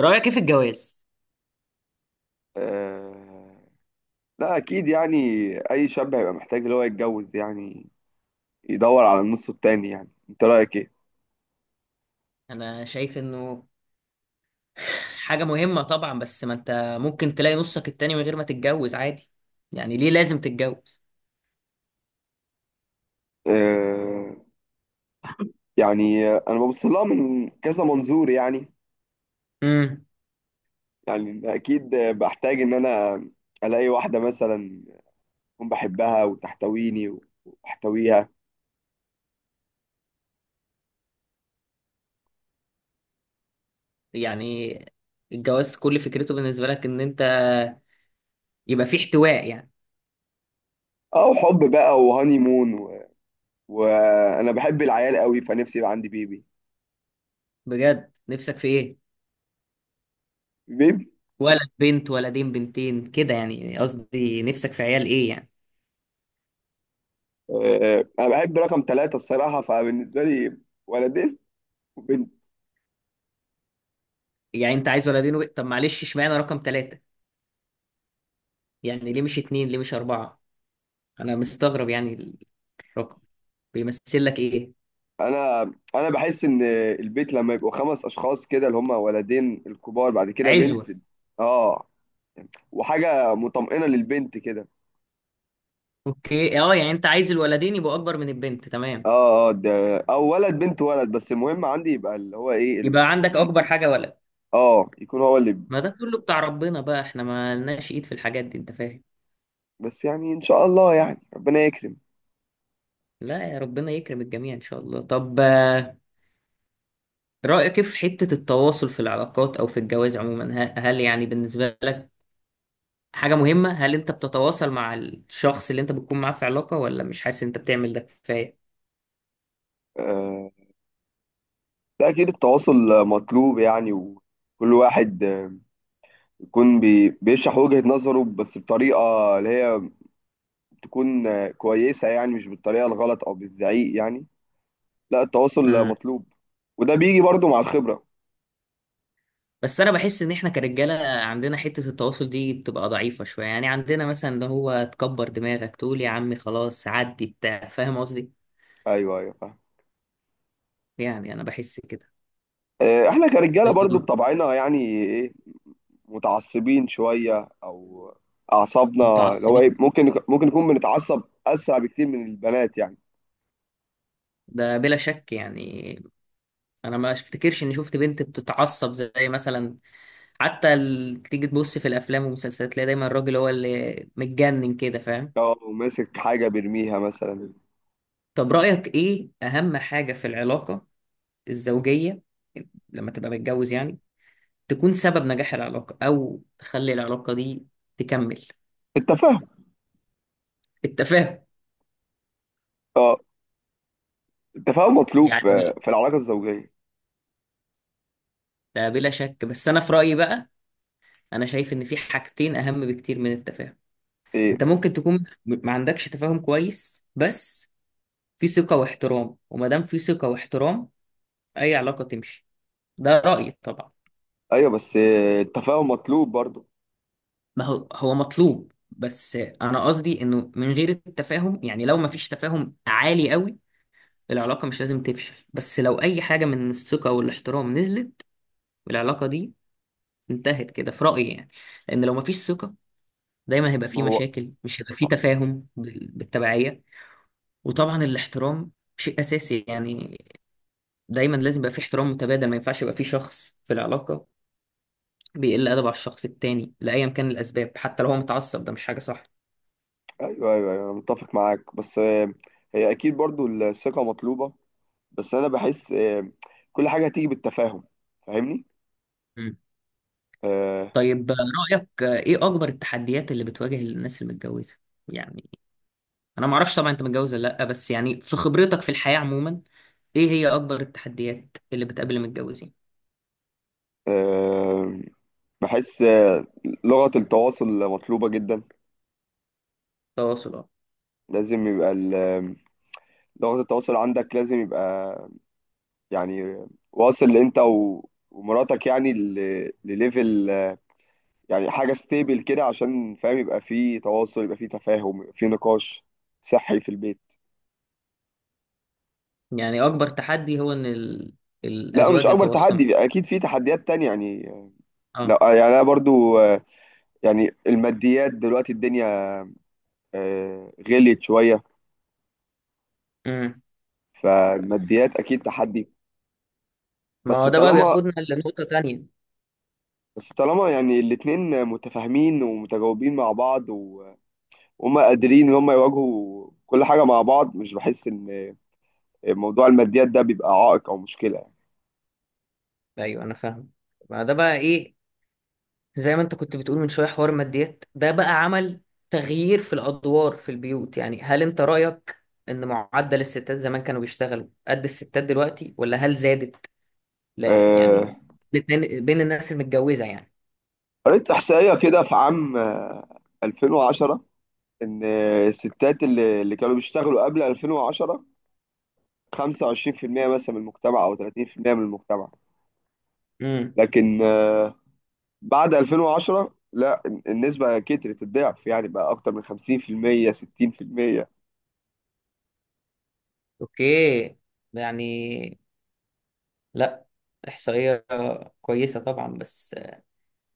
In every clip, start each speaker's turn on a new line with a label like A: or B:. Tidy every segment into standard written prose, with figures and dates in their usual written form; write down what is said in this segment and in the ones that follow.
A: رأيك ايه في الجواز؟
B: آه، لا اكيد يعني اي شاب هيبقى محتاج اللي هو يتجوز يعني يدور على النص التاني يعني انت رايك ايه.
A: انا شايف انه حاجة مهمة طبعا، بس ما انت ممكن تلاقي نصك التاني من غير ما تتجوز عادي. يعني ليه لازم تتجوز؟
B: آه، يعني انا ببص لها من كذا منظور يعني.
A: امم
B: يعني اكيد بحتاج ان انا الاقي واحده مثلا اكون بحبها وتحتويني واحتويها.
A: يعني الجواز كل فكرته بالنسبة لك ان انت يبقى في احتواء يعني.
B: او حب بقى وهاني مون وانا بحب العيال قوي فنفسي يبقى عندي بيبي.
A: بجد نفسك في ايه؟
B: بيبي.
A: ولد، بنت، ولدين، بنتين، كده، يعني قصدي نفسك في عيال ايه يعني؟
B: انا بحب رقم ثلاثة الصراحه فبالنسبه لي ولدين وبنت.
A: يعني انت عايز ولدين طب معلش اشمعنى رقم 3؟ يعني ليه مش 2، ليه مش 4؟ انا مستغرب يعني، الرقم بيمثل لك ايه؟
B: انا انا بحس ان البيت لما يبقوا خمس اشخاص كده اللي هم ولدين الكبار بعد كده بنت.
A: عزوة.
B: اه، وحاجه مطمئنه للبنت كده.
A: اوكي، اه، يعني انت عايز الولدين يبقوا اكبر من البنت، تمام.
B: اه، اه، ده او ولد بنت ولد بس المهم عندي يبقى اللي هو ايه
A: يبقى
B: يعني.
A: عندك اكبر حاجه ولد.
B: اه، يكون هو اللي
A: ما ده كله بتاع ربنا بقى، احنا ما لناش ايد في الحاجات دي، انت فاهم.
B: بس يعني ان شاء الله يعني ربنا يكرم.
A: لا، يا ربنا يكرم الجميع ان شاء الله. طب، رايك إيه في حته التواصل في العلاقات او في الجواز عموما؟ هل يعني بالنسبه لك حاجه مهمه؟ هل انت بتتواصل مع الشخص اللي انت بتكون معاه في علاقه، ولا مش حاسس إن انت بتعمل ده كفايه؟
B: آه ده اكيد التواصل مطلوب يعني، وكل واحد يكون بيشرح وجهة نظره بس بطريقه اللي هي تكون كويسه، يعني مش بالطريقه الغلط او بالزعيق يعني. لا، التواصل مطلوب، وده بيجي برضو مع الخبرة.
A: بس انا بحس ان احنا كرجاله عندنا حته التواصل دي بتبقى ضعيفه شويه، يعني عندنا مثلا اللي هو تكبر دماغك تقول يا عمي خلاص عدي بتاع، فاهم قصدي.
B: ايوه، ايوه، فاهم.
A: يعني انا بحس كده.
B: احنا كرجالة برضو بطبعنا يعني، ايه، متعصبين شوية او اعصابنا، اللي هو ايه،
A: متعصبين.
B: ممكن نكون بنتعصب اسرع بكتير من البنات يعني.
A: ده بلا شك يعني. انا ما افتكرش اني شفت بنت بتتعصب زي مثلا، حتى تيجي تبص في الافلام والمسلسلات تلاقي دايما الراجل هو اللي متجنن كده، فاهم.
B: لو ماسك حاجة بيرميها مثلا.
A: طب رايك ايه اهم حاجه في العلاقه الزوجيه لما تبقى متجوز، يعني تكون سبب نجاح العلاقة أو تخلي العلاقة دي تكمل؟
B: التفاهم.
A: التفاهم.
B: اه، التفاهم مطلوب في
A: يعني
B: في العلاقة الزوجية.
A: ده بلا شك، بس أنا في رأيي بقى، أنا شايف إن في حاجتين أهم بكتير من التفاهم.
B: ايه.
A: أنت ممكن تكون ما عندكش تفاهم كويس، بس في ثقة واحترام، وما دام في ثقة واحترام أي علاقة تمشي. ده رأيي طبعا.
B: ايوه بس التفاهم مطلوب برضو.
A: ما هو هو مطلوب، بس أنا قصدي إنه من غير التفاهم، يعني لو ما فيش تفاهم عالي قوي العلاقة مش لازم تفشل، بس لو أي حاجة من الثقة والاحترام نزلت والعلاقة دي انتهت كده في رأيي يعني. لأن لو مفيش ثقة دايما هيبقى
B: ما
A: فيه
B: هو.
A: مشاكل، مش هيبقى فيه تفاهم بالتبعية. وطبعا الاحترام شيء أساسي يعني، دايما لازم يبقى فيه احترام متبادل. ما ينفعش يبقى فيه شخص في العلاقة بيقل أدب على الشخص التاني لأيا كان الأسباب، حتى لو هو متعصب ده مش حاجة صح.
B: ايوه، ايوه، ايوه، انا متفق معاك، بس هي اكيد برضو الثقة مطلوبة. بس انا بحس كل حاجه هتيجي بالتفاهم، فاهمني.
A: مم.
B: آه،
A: طيب، رأيك إيه أكبر التحديات اللي بتواجه الناس المتجوزة؟ يعني أنا معرفش طبعا أنت متجوز ولا لأ، بس يعني في خبرتك في الحياة عموما إيه هي أكبر التحديات اللي بتقابل المتجوزين؟
B: آه، بحس لغه التواصل مطلوبه جدا.
A: تواصل، اه.
B: لازم يبقى لغه التواصل عندك لازم يبقى يعني واصل انت ومراتك يعني لليفل يعني حاجه ستيبل كده عشان فاهم يبقى في تواصل يبقى في تفاهم يبقى في نقاش صحي في البيت.
A: يعني اكبر تحدي هو ان
B: لا، مش
A: الازواج
B: اكبر
A: يتواصلوا مع؟
B: تحدي، اكيد في تحديات تانية يعني. لا
A: اه.
B: يعني انا برضو يعني الماديات دلوقتي الدنيا غليت شويه،
A: امم
B: فالماديات اكيد تحدي.
A: ما
B: بس
A: هو ده بقى
B: طالما
A: بياخدنا لنقطة تانية.
B: بس طالما يعني الاتنين متفاهمين ومتجاوبين مع بعض وهم قادرين ان هم يواجهوا كل حاجه مع بعض مش بحس ان موضوع الماديات ده بيبقى عائق او مشكله يعني.
A: ايوه انا فاهم، ما ده بقى ايه، زي ما انت كنت بتقول من شوية، حوار ماديات ده بقى عمل تغيير في الادوار في البيوت. يعني هل انت رأيك ان معدل الستات زمان كانوا بيشتغلوا قد الستات دلوقتي، ولا هل زادت؟ لا يعني
B: آه،
A: بين الناس المتجوزة يعني.
B: قريت احصائيه كده في عام 2010 ان الستات اللي كانوا بيشتغلوا قبل 2010، 25% مثلا من المجتمع او 30% من المجتمع.
A: امم
B: لكن بعد 2010 لا، النسبة كترت الضعف يعني بقى أكتر من 50% 60%.
A: اوكي، يعني لا، احصائية كويسة طبعا، بس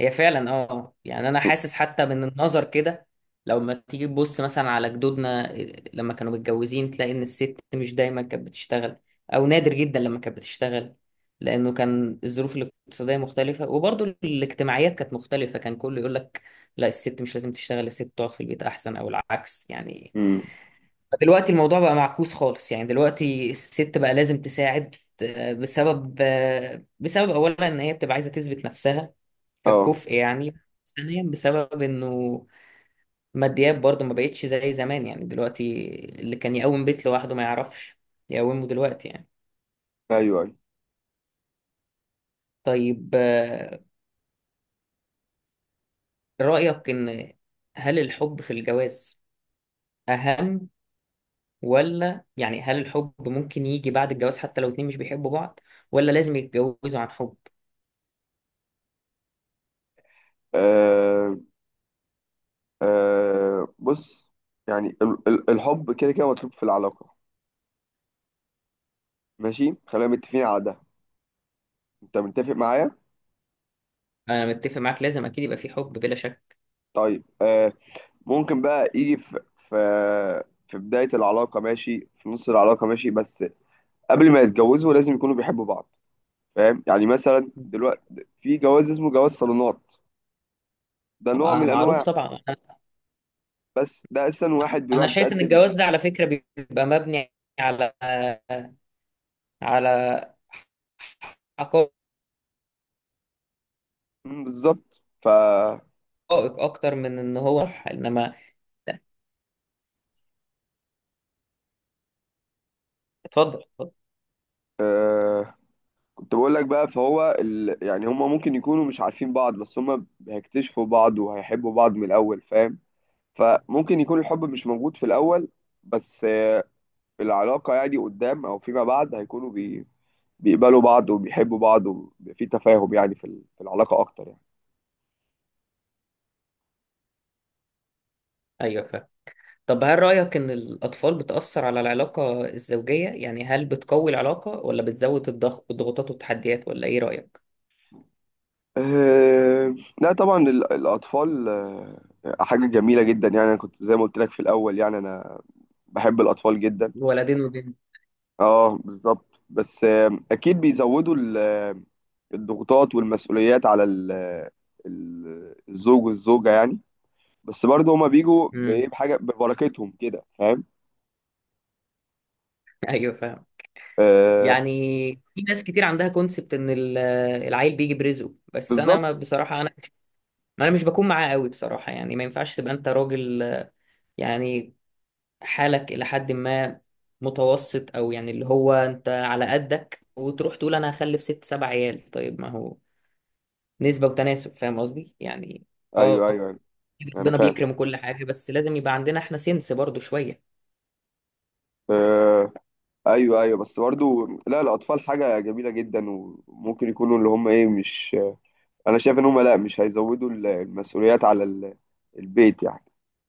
A: هي فعلا اه يعني انا حاسس حتى من النظر كده. لو ما تيجي تبص مثلا على جدودنا لما كانوا متجوزين تلاقي ان الست مش دايما كانت بتشتغل، او نادر جدا لما كانت بتشتغل، لانه كان الظروف الاقتصاديه مختلفه وبرضه الاجتماعيات كانت مختلفه، كان كله يقول لك لا الست مش لازم تشتغل، الست تقعد في البيت احسن، او العكس يعني.
B: امم،
A: دلوقتي الموضوع بقى معكوس خالص، يعني دلوقتي الست بقى لازم تساعد، بسبب، بسبب اولا ان هي بتبقى عايزه تثبت نفسها
B: اه،
A: ككفء يعني. ثانيا بسبب انه ماديات برضه ما بقتش زي زمان، يعني دلوقتي اللي كان يقوم بيت لوحده ما يعرفش يقومه دلوقتي يعني.
B: ايوه، ايوه،
A: طيب، رأيك ان هل الحب في الجواز اهم، ولا يعني هل الحب ممكن يجي بعد الجواز حتى لو اتنين مش بيحبوا بعض، ولا لازم يتجوزوا عن حب؟
B: آه، آه، بص يعني الحب كده كده مطلوب في العلاقه. ماشي خلينا متفقين على ده، انت متفق معايا.
A: انا متفق معاك، لازم اكيد يبقى في حب بلا شك.
B: طيب، ممكن بقى يجي في في بدايه العلاقه، ماشي، في نص العلاقه ماشي، بس قبل ما يتجوزوا لازم يكونوا بيحبوا بعض. فاهم يعني مثلا دلوقتي في جواز اسمه جواز صالونات، ده نوع
A: طبعا
B: من
A: معروف
B: انواع.
A: طبعا، انا
B: بس ده اصلا واحد بيروح
A: أنا شايف ان
B: بيتقدم.
A: الجواز ده على فكرة بيبقى مبني على على حقائق
B: مم، بالظبط،
A: اكتر من ان هو صح، انما اتفضل اتفضل.
B: آه كنت بقول لك بقى فهو يعني هما ممكن يكونوا مش عارفين بعض بس هما هيكتشفوا بعض وهيحبوا بعض من الاول فاهم. فممكن يكون الحب مش موجود في الاول، بس العلاقة يعني قدام او فيما بعد هيكونوا بيقبلوا بعض وبيحبوا بعض وبيبقى في تفاهم يعني في العلاقة اكتر يعني.
A: ايوه فاهم. طب هل رأيك ان الاطفال بتأثر على العلاقة الزوجية، يعني هل بتقوي العلاقة ولا بتزود الضغوطات والتحديات، ولا ايه رأيك؟
B: آه لا طبعا الاطفال حاجة جميلة جدا يعني، أنا كنت زي ما قلت لك في الأول، يعني أنا بحب الأطفال جدا.
A: الولدين وبنت.
B: اه بالظبط، بس أكيد بيزودوا الضغوطات والمسؤوليات على الزوج والزوجة يعني. بس برضه هما بيجوا بإيه،
A: امم
B: بحاجة ببركتهم كده فاهم.
A: ايوه فاهم.
B: آه
A: يعني في ناس كتير عندها كونسبت ان العيل بيجي برزقه، بس انا، ما
B: بالظبط.
A: بصراحة انا مش بكون معاه قوي بصراحة يعني. ما ينفعش تبقى انت راجل يعني حالك إلى حد ما متوسط، أو يعني اللي هو أنت على قدك، وتروح تقول أنا هخلف 6 7 عيال، طيب ما هو نسبة وتناسب، فاهم قصدي؟ يعني،
B: أيوه، أيوه،
A: آه
B: أيوه، أنا
A: ربنا
B: فاهم.
A: بيكرم كل حاجة، بس لازم يبقى عندنا إحنا سنس برضو شوية.
B: آه أيوه، أيوه، بس برضه لا، الأطفال حاجة جميلة جدا وممكن يكونوا اللي هما إيه مش، أنا شايف إن هما لا مش هيزودوا المسؤوليات على ال- البيت يعني